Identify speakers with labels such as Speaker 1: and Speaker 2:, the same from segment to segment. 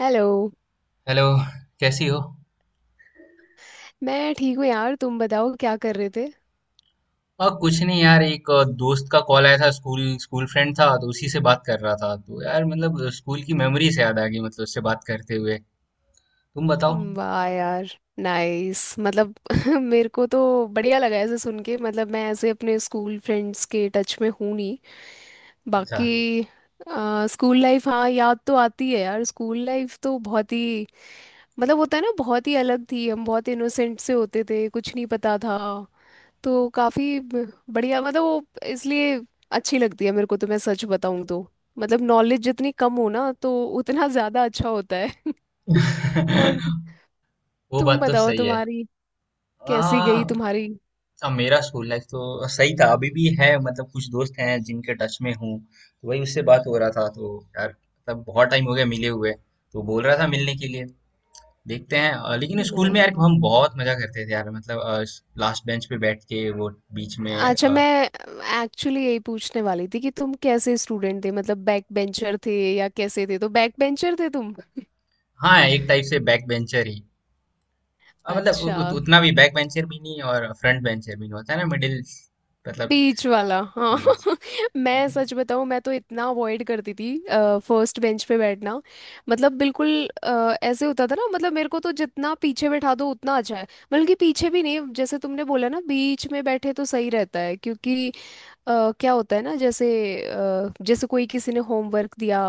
Speaker 1: Hello.
Speaker 2: Hello. कैसी हो।
Speaker 1: मैं ठीक हूँ यार, तुम बताओ क्या कर रहे थे।
Speaker 2: और कुछ नहीं यार, एक दोस्त का कॉल आया था। स्कूल स्कूल फ्रेंड था, तो उसी से बात कर रहा था। तो यार मतलब स्कूल की मेमोरी से याद आ गई, मतलब उससे बात करते हुए। तुम बताओ।
Speaker 1: वाह यार, नाइस। मतलब मेरे को तो बढ़िया लगा ऐसे सुन के। मतलब मैं ऐसे अपने स्कूल फ्रेंड्स के टच में हूँ नहीं
Speaker 2: अच्छा।
Speaker 1: बाकी। स्कूल लाइफ, हाँ याद तो आती है यार, स्कूल लाइफ तो बहुत ही, मतलब होता है ना, बहुत ही अलग थी। हम बहुत इनोसेंट से होते थे, कुछ नहीं पता था। तो काफी बढ़िया, मतलब वो इसलिए अच्छी लगती है मेरे को, तो मैं सच बताऊं तो मतलब नॉलेज जितनी कम हो ना, तो उतना ज्यादा अच्छा होता है और
Speaker 2: वो
Speaker 1: तुम
Speaker 2: बात तो
Speaker 1: बताओ
Speaker 2: सही है।
Speaker 1: तुम्हारी, कैसी गई
Speaker 2: आ,
Speaker 1: तुम्हारी।
Speaker 2: अब मेरा स्कूल लाइफ तो सही था, अभी भी है। मतलब कुछ दोस्त हैं जिनके टच में हूँ, तो वही, उससे बात हो रहा था। तो यार मतलब बहुत टाइम हो गया मिले हुए। तो बोल रहा था मिलने के लिए। देखते हैं। लेकिन स्कूल में यार
Speaker 1: नहीं,
Speaker 2: हम बहुत मजा करते थे यार, मतलब लास्ट बेंच पे बैठ के वो, बीच में
Speaker 1: अच्छा मैं एक्चुअली यही पूछने वाली थी कि तुम कैसे स्टूडेंट थे, मतलब बैक बेंचर थे या कैसे थे, तो बैक बेंचर थे तुम।
Speaker 2: हाँ, एक टाइप से बैक बेंचर ही। मतलब
Speaker 1: अच्छा,
Speaker 2: उतना भी बैक बेंचर भी नहीं और फ्रंट बेंचर भी नहीं। होता है ना मिडिल, मतलब
Speaker 1: बीच वाला हाँ।
Speaker 2: बीच।
Speaker 1: मैं सच बताऊँ, मैं तो इतना अवॉइड करती थी फर्स्ट बेंच पे बैठना, मतलब बिल्कुल। ऐसे होता था ना, मतलब मेरे को तो जितना पीछे बैठा दो उतना अच्छा है। बल्कि पीछे भी नहीं, जैसे तुमने बोला ना बीच में बैठे तो सही रहता है, क्योंकि क्या होता है ना, जैसे जैसे कोई किसी ने होमवर्क दिया,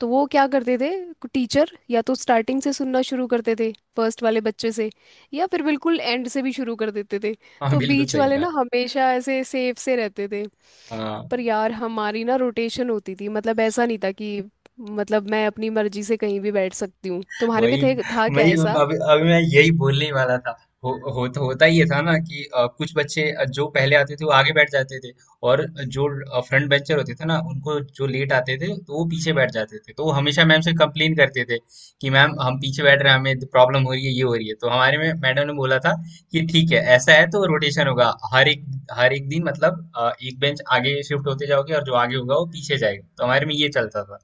Speaker 1: तो वो क्या करते थे, टीचर या तो स्टार्टिंग से सुनना शुरू करते थे फर्स्ट वाले बच्चे से, या फिर बिल्कुल एंड से भी शुरू कर देते थे।
Speaker 2: हाँ,
Speaker 1: तो
Speaker 2: बिल्कुल
Speaker 1: बीच
Speaker 2: सही
Speaker 1: वाले
Speaker 2: कहा।
Speaker 1: ना हमेशा ऐसे सेफ से रहते थे।
Speaker 2: हाँ।
Speaker 1: पर यार हमारी ना रोटेशन होती थी, मतलब ऐसा नहीं था कि मतलब मैं अपनी मर्जी से कहीं भी बैठ सकती हूँ, तुम्हारे में
Speaker 2: वही
Speaker 1: थे था क्या
Speaker 2: वही,
Speaker 1: ऐसा।
Speaker 2: अभी अभी मैं यही बोलने ही वाला था। होता ये था ना, कि कुछ बच्चे जो पहले आते थे वो आगे बैठ जाते थे। और जो फ्रंट बेंचर होते थे ना, उनको जो लेट आते थे तो वो पीछे बैठ जाते थे। तो वो हमेशा मैम से कंप्लेन करते थे कि मैम हम पीछे बैठ रहे हैं, हमें प्रॉब्लम हो रही है, ये हो रही है। तो हमारे में मैडम ने बोला था कि ठीक है, ऐसा है तो रोटेशन होगा। हर एक दिन मतलब एक बेंच आगे शिफ्ट होते जाओगे और जो आगे होगा वो पीछे जाएगा। तो हमारे में ये चलता था।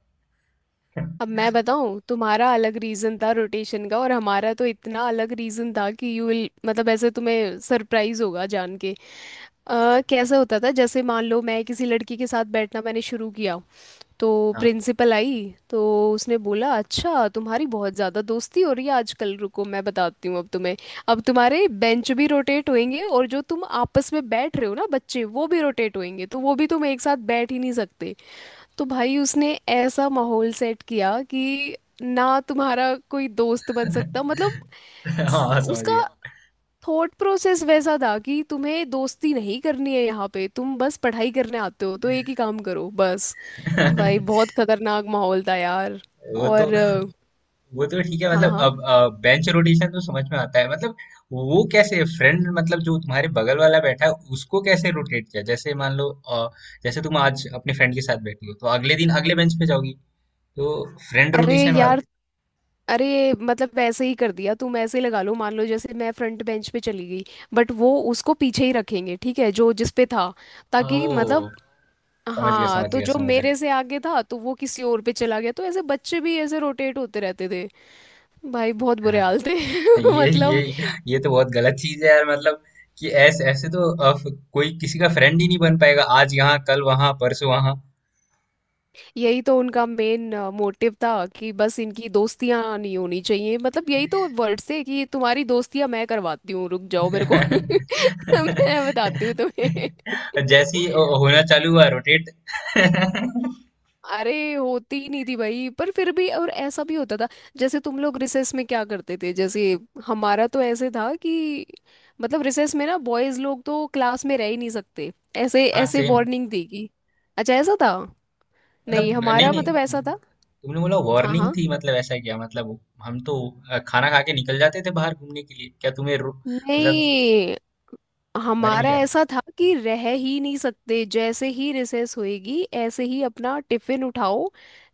Speaker 1: अब मैं बताऊँ, तुम्हारा अलग रीजन था रोटेशन का और हमारा तो इतना अलग रीजन था कि यू विल, मतलब ऐसे तुम्हें सरप्राइज होगा जान के। कैसा होता था, जैसे मान लो मैं किसी लड़की के साथ बैठना मैंने शुरू किया, तो
Speaker 2: हाँ।
Speaker 1: प्रिंसिपल आई, तो उसने बोला अच्छा तुम्हारी बहुत ज़्यादा दोस्ती हो रही है आजकल, रुको मैं बताती हूँ अब तुम्हें। अब तुम्हारे बेंच भी रोटेट होंगे और जो तुम आपस में बैठ रहे हो ना बच्चे वो भी रोटेट होंगे, तो वो भी तुम एक साथ बैठ ही नहीं सकते। तो भाई उसने ऐसा माहौल सेट किया कि ना तुम्हारा कोई दोस्त बन सकता, मतलब
Speaker 2: हाँ, समझ
Speaker 1: उसका
Speaker 2: गया।
Speaker 1: थॉट प्रोसेस वैसा था कि तुम्हें दोस्ती नहीं करनी है यहाँ पे, तुम बस पढ़ाई करने आते हो, तो एक ही काम करो बस। भाई
Speaker 2: वो
Speaker 1: बहुत खतरनाक माहौल था यार।
Speaker 2: तो
Speaker 1: और
Speaker 2: वो तो ठीक है,
Speaker 1: हाँ
Speaker 2: मतलब
Speaker 1: हाँ।
Speaker 2: अब बेंच रोटेशन तो समझ में आता है। मतलब वो कैसे, फ्रेंड मतलब जो तुम्हारे बगल वाला बैठा है उसको कैसे रोटेट किया? जैसे मान लो जैसे तुम आज अपने फ्रेंड के साथ बैठी हो तो अगले दिन अगले बेंच पे जाओगी। तो फ्रेंड
Speaker 1: अरे
Speaker 2: रोटेशन
Speaker 1: यार,
Speaker 2: वाला।
Speaker 1: अरे मतलब वैसे ही कर दिया, तुम ऐसे ही लगा लो, मान लो जैसे मैं फ्रंट बेंच पे चली गई, बट वो उसको पीछे ही रखेंगे, ठीक है जो जिस पे था, ताकि
Speaker 2: ओ,
Speaker 1: मतलब।
Speaker 2: समझ गया,
Speaker 1: हाँ
Speaker 2: समझ
Speaker 1: तो
Speaker 2: गया,
Speaker 1: जो
Speaker 2: समझ गया।
Speaker 1: मेरे से आगे था, तो वो किसी और पे चला गया, तो ऐसे बच्चे भी ऐसे रोटेट होते रहते थे। भाई बहुत बुरे
Speaker 2: हाँ,
Speaker 1: हाल थे।
Speaker 2: ये ये
Speaker 1: मतलब
Speaker 2: ये तो बहुत गलत चीज है यार, मतलब कि ऐसे ऐसे तो कोई किसी का फ्रेंड ही नहीं बन पाएगा। आज यहाँ कल वहां परसों वहां।
Speaker 1: यही तो उनका मेन मोटिव था कि बस इनकी दोस्तियां नहीं होनी चाहिए, मतलब यही तो वर्ड से कि तुम्हारी दोस्तियां मैं करवाती हूँ रुक जाओ, मेरे को मैं बताती हूँ तुम्हें।
Speaker 2: जैसे ही होना चालू हुआ रोटेट। हाँ।
Speaker 1: अरे होती ही नहीं थी भाई, पर फिर भी। और ऐसा भी होता था, जैसे तुम लोग रिसेस में क्या करते थे, जैसे हमारा तो ऐसे था कि मतलब रिसेस में ना बॉयज लोग तो क्लास में रह ही नहीं सकते, ऐसे ऐसे
Speaker 2: सेम।
Speaker 1: वार्निंग देगी। अच्छा ऐसा था। नहीं
Speaker 2: मतलब नहीं
Speaker 1: हमारा
Speaker 2: नहीं,
Speaker 1: मतलब ऐसा था,
Speaker 2: तुमने बोला
Speaker 1: हाँ
Speaker 2: वार्निंग थी,
Speaker 1: हाँ।
Speaker 2: मतलब ऐसा क्या? मतलब हम तो खाना खा के निकल जाते थे बाहर घूमने के लिए। क्या तुम्हें मतलब
Speaker 1: नहीं,
Speaker 2: तुम्हारे में
Speaker 1: हमारा
Speaker 2: क्या था?
Speaker 1: ऐसा था कि रह ही नहीं सकते, जैसे ही रिसेस होएगी ऐसे ही अपना टिफिन उठाओ,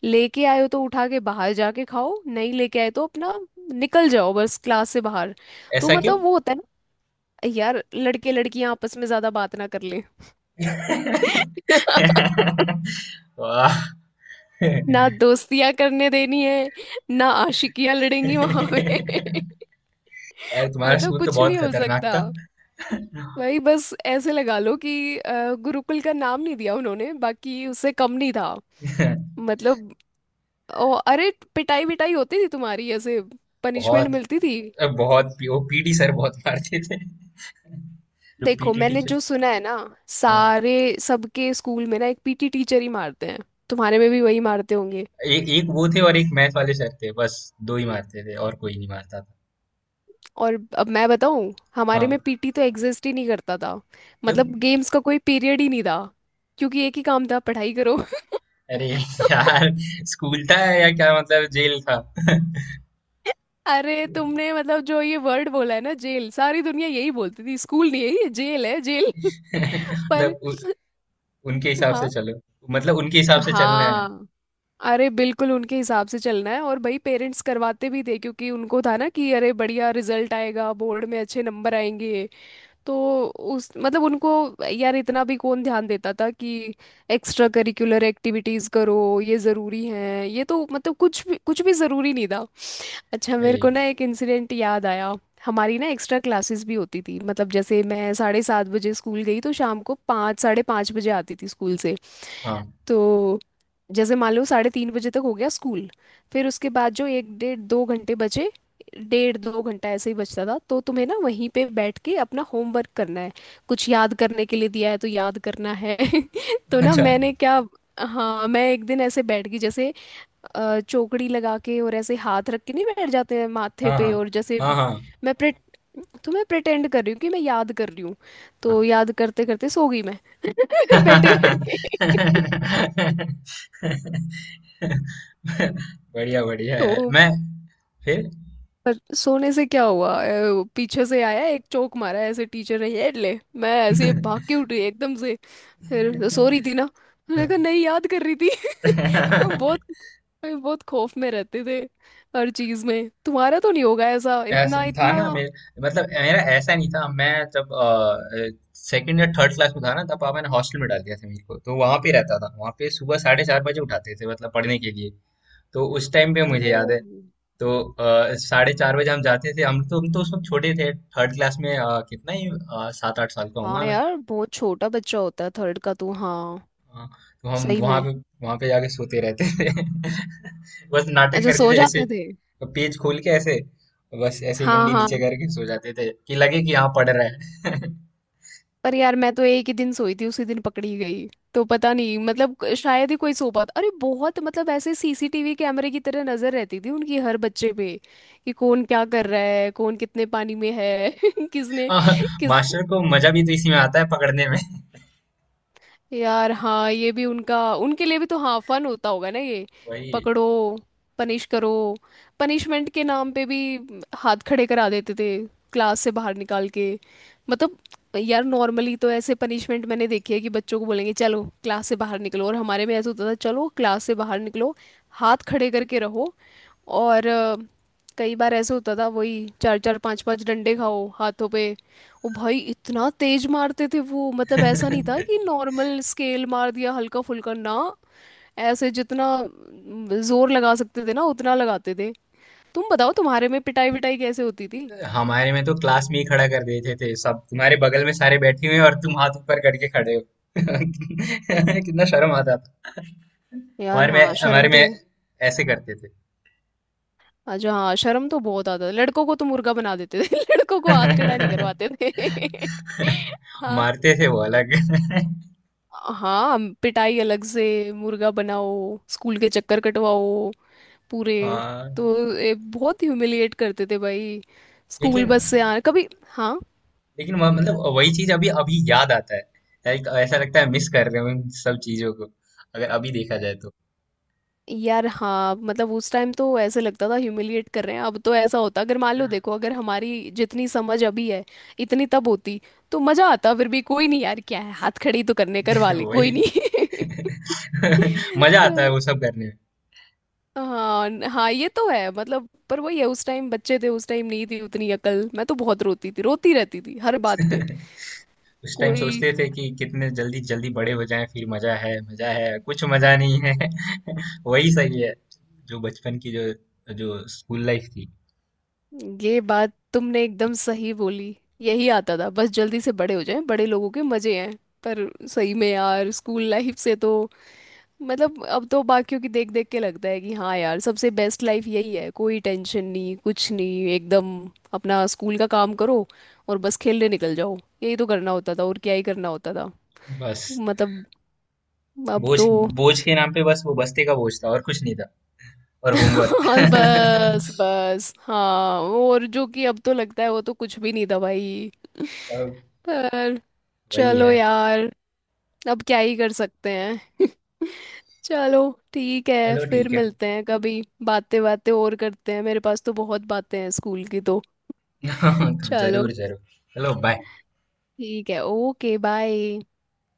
Speaker 1: लेके आए हो तो उठा के बाहर जाके खाओ, नहीं लेके आए तो अपना निकल जाओ बस क्लास से बाहर। तो
Speaker 2: ऐसा क्यों?
Speaker 1: मतलब वो होता है ना, यार लड़के लड़कियां आपस में ज्यादा बात ना कर लें
Speaker 2: वाह
Speaker 1: ना दोस्तियां करने देनी है, ना आशिकियां लड़ेंगी वहां पे।
Speaker 2: यार, तुम्हारा
Speaker 1: मतलब
Speaker 2: स्कूल तो
Speaker 1: कुछ नहीं
Speaker 2: बहुत
Speaker 1: हो
Speaker 2: खतरनाक
Speaker 1: सकता,
Speaker 2: था।
Speaker 1: वही बस ऐसे लगा लो कि गुरुकुल का नाम नहीं दिया उन्होंने, बाकी उससे कम नहीं था, मतलब। ओ, अरे पिटाई विटाई होती थी तुम्हारी ऐसे, पनिशमेंट
Speaker 2: बहुत।
Speaker 1: मिलती थी।
Speaker 2: अ, बहुत वो पीटी सर बहुत मारते थे। जो
Speaker 1: देखो
Speaker 2: पीटी
Speaker 1: मैंने
Speaker 2: टीचर।
Speaker 1: जो सुना है ना,
Speaker 2: हाँ,
Speaker 1: सारे, सबके स्कूल में ना एक पीटी टीचर ही मारते हैं, तुम्हारे में भी वही मारते होंगे।
Speaker 2: एक एक वो थे और एक मैथ वाले सर थे, बस। दो ही मारते थे और कोई नहीं मारता था।
Speaker 1: और अब मैं बताऊं, हमारे
Speaker 2: हाँ।
Speaker 1: में पीटी तो एग्जिस्ट ही नहीं करता था।
Speaker 2: क्यों?
Speaker 1: मतलब गेम्स का कोई पीरियड ही नहीं था, क्योंकि एक ही काम था पढ़ाई करो।
Speaker 2: अरे! यार स्कूल था या क्या, मतलब जेल था?
Speaker 1: अरे तुमने मतलब जो ये वर्ड बोला है ना जेल, सारी दुनिया यही बोलती थी स्कूल नहीं है ये, जेल है जेल। पर
Speaker 2: मतलब उनके हिसाब से
Speaker 1: हाँ
Speaker 2: चलो। मतलब उनके हिसाब से चलना है।
Speaker 1: हाँ। अरे बिल्कुल उनके हिसाब से चलना है, और भाई पेरेंट्स करवाते भी थे, क्योंकि उनको था ना कि अरे बढ़िया रिजल्ट आएगा बोर्ड में, अच्छे नंबर आएंगे, तो उस मतलब उनको, यार इतना भी कौन ध्यान देता था कि एक्स्ट्रा करिकुलर एक्टिविटीज करो ये जरूरी है ये, तो मतलब कुछ भी जरूरी नहीं था। अच्छा, मेरे को
Speaker 2: ये
Speaker 1: ना एक इंसिडेंट याद आया। हमारी ना एक्स्ट्रा क्लासेस भी होती थी, मतलब जैसे मैं 7:30 बजे स्कूल गई, तो शाम को पाँच साढ़े पाँच बजे आती थी स्कूल से।
Speaker 2: हाँ।
Speaker 1: तो जैसे मान लो 3:30 बजे तक हो गया स्कूल, फिर उसके बाद जो एक डेढ़ दो घंटे बचे, डेढ़ दो घंटा ऐसे ही बचता था, तो तुम्हें ना वहीं पे बैठ के अपना होमवर्क करना है, कुछ याद करने के लिए दिया है तो याद करना है। तो ना
Speaker 2: अच्छा।
Speaker 1: मैंने क्या, हाँ मैं एक दिन ऐसे बैठ गई, जैसे चौकड़ी लगा के, और ऐसे हाथ रख के नहीं बैठ जाते हैं माथे
Speaker 2: हाँ हाँ
Speaker 1: पे, और जैसे
Speaker 2: हाँ हाँ हाँ।
Speaker 1: मैं प्रे, तो मैं प्रिटेंड कर रही हूँ कि मैं याद कर रही हूँ, तो याद करते करते सो गई मैं। बैठे बैठे।
Speaker 2: बढ़िया बढ़िया
Speaker 1: तो
Speaker 2: यार। मैं फिर।
Speaker 1: पर सोने से क्या हुआ, वो पीछे से आया एक चोक मारा ऐसे टीचर ने, ये ले मैं ऐसे भाग के उठी एकदम से। फिर सो रही थी ना, मैंने कहा नहीं याद कर रही थी। बहुत बहुत खौफ में रहते थे हर चीज में, तुम्हारा तो नहीं होगा ऐसा
Speaker 2: ऐसा
Speaker 1: इतना
Speaker 2: था
Speaker 1: इतना।
Speaker 2: ना मेरे मतलब मेरा ऐसा नहीं था। मैं जब सेकंड या थर्ड क्लास में था ना, तब पापा ने हॉस्टल में डाल दिया था मेरे को। तो वहां पे रहता था। वहां पे सुबह 4:30 बजे उठाते थे, मतलब पढ़ने के लिए। तो उस टाइम पे
Speaker 1: ओ,
Speaker 2: मुझे याद है, तो 4:30 बजे हम जाते थे। हम तो उस वक्त छोटे थे। थर्ड क्लास में कितना ही 7-8 साल का
Speaker 1: हाँ
Speaker 2: हूँ।
Speaker 1: यार बहुत छोटा बच्चा होता है थर्ड का, तू हाँ।
Speaker 2: हाँ, तो हम
Speaker 1: सही
Speaker 2: वहां
Speaker 1: में।
Speaker 2: पे वहां पे जाके सोते रहते थे। बस नाटक
Speaker 1: अच्छा
Speaker 2: करते
Speaker 1: सो
Speaker 2: थे ऐसे।
Speaker 1: जाते थे।
Speaker 2: तो पेज खोल के ऐसे, बस ऐसे
Speaker 1: हाँ
Speaker 2: मुंडी
Speaker 1: हाँ।
Speaker 2: नीचे करके सो जाते थे, कि लगे कि हाँ पढ़ रहा है।
Speaker 1: पर यार मैं तो एक ही दिन सोई थी, उसी दिन पकड़ी गई, तो पता नहीं, मतलब शायद ही कोई सो पाता। अरे बहुत, मतलब ऐसे सीसीटीवी कैमरे की तरह नजर रहती थी उनकी हर बच्चे पे, कि कौन क्या कर रहा है कौन कितने पानी में है किसने
Speaker 2: और
Speaker 1: किस,
Speaker 2: मास्टर को मजा भी तो इसी में आता है, पकड़ने में।
Speaker 1: यार हाँ ये भी उनका, उनके लिए भी तो हाँ फन होता होगा ना ये,
Speaker 2: वही।
Speaker 1: पकड़ो पनिश करो। पनिशमेंट के नाम पे भी हाथ खड़े करा देते थे क्लास से बाहर निकाल के, मतलब। यार नॉर्मली तो ऐसे पनिशमेंट मैंने देखी है कि बच्चों को बोलेंगे चलो क्लास से बाहर निकलो, और हमारे में ऐसा होता था चलो क्लास से बाहर निकलो हाथ खड़े करके रहो, और कई बार ऐसे होता था, वही चार चार पांच पांच डंडे खाओ हाथों पे। ओ भाई इतना तेज मारते थे वो, मतलब ऐसा नहीं था कि नॉर्मल स्केल मार दिया हल्का फुल्का ना, ऐसे जितना जोर लगा सकते थे ना उतना लगाते थे। तुम बताओ, तुम्हारे में पिटाई विटाई कैसे होती थी।
Speaker 2: हमारे में तो क्लास में ही खड़ा कर देते थे। सब तुम्हारे बगल में सारे बैठे हुए हैं और तुम हाथ ऊपर करके खड़े हो। कितना शर्म आता था।
Speaker 1: यार
Speaker 2: हमारे
Speaker 1: हाँ
Speaker 2: में
Speaker 1: शर्म
Speaker 2: हमारे
Speaker 1: तो,
Speaker 2: में ऐसे करते थे।
Speaker 1: अच्छा हाँ शर्म तो बहुत आता था, लड़कों को तो मुर्गा बना देते थे लड़कों को हाथ खड़ा नहीं
Speaker 2: मारते
Speaker 1: करवाते थे। हाँ
Speaker 2: थे वो अलग।
Speaker 1: हाँ पिटाई अलग से, मुर्गा बनाओ, स्कूल के चक्कर कटवाओ पूरे,
Speaker 2: आ,
Speaker 1: तो बहुत ह्यूमिलिएट करते थे भाई, स्कूल
Speaker 2: लेकिन
Speaker 1: बस से आ कभी, हाँ।
Speaker 2: लेकिन वह- मतलब वही चीज अभी अभी याद आता है। लाइक ऐसा लगता है मिस कर रहे हो इन सब चीजों को, अगर अभी देखा जाए तो।
Speaker 1: यार हाँ मतलब उस टाइम तो ऐसे लगता था ह्यूमिलिएट कर रहे हैं, अब तो ऐसा होता अगर मान लो देखो, अगर हमारी जितनी समझ अभी है इतनी तब होती, तो मजा आता, फिर भी कोई नहीं यार क्या है हाथ खड़ी तो करने करवा ले कोई
Speaker 2: वही।
Speaker 1: नहीं।
Speaker 2: मजा आता है
Speaker 1: तो
Speaker 2: वो सब करने में।
Speaker 1: हाँ हाँ ये तो है, मतलब पर वही है उस टाइम बच्चे थे, उस टाइम नहीं थी उतनी अकल, मैं तो बहुत रोती थी रोती रहती थी हर बात पे।
Speaker 2: उस टाइम
Speaker 1: कोई।
Speaker 2: सोचते थे कि कितने जल्दी जल्दी बड़े हो जाएं। फिर मजा है, मजा है, कुछ मजा नहीं है। वही सही है। जो बचपन की, जो जो स्कूल लाइफ थी।
Speaker 1: ये बात तुमने एकदम सही बोली, यही आता था बस जल्दी से बड़े हो जाएं, बड़े लोगों के मजे हैं। पर सही में यार स्कूल लाइफ से तो, मतलब अब तो बाकियों की देख देख के लगता है कि हाँ यार सबसे बेस्ट लाइफ यही है, कोई टेंशन नहीं कुछ नहीं एकदम, अपना स्कूल का काम करो और बस खेलने निकल जाओ, यही तो करना होता था और क्या ही करना होता था,
Speaker 2: बस,
Speaker 1: मतलब अब
Speaker 2: बोझ
Speaker 1: तो
Speaker 2: बोझ के नाम पे बस वो बस्ते का बोझ था और कुछ नहीं था। और होमवर्क।
Speaker 1: बस बस हाँ, और जो कि अब तो लगता है वो तो कुछ भी नहीं था भाई,
Speaker 2: सब
Speaker 1: पर
Speaker 2: वही
Speaker 1: चलो
Speaker 2: है।
Speaker 1: यार अब क्या ही कर सकते हैं। चलो ठीक है
Speaker 2: चलो,
Speaker 1: फिर
Speaker 2: ठीक है।
Speaker 1: मिलते हैं कभी, बातें बातें और करते हैं मेरे पास तो बहुत बातें हैं स्कूल की तो। चलो
Speaker 2: जरूर जरूर। चलो, बाय।
Speaker 1: ठीक है, ओके बाय।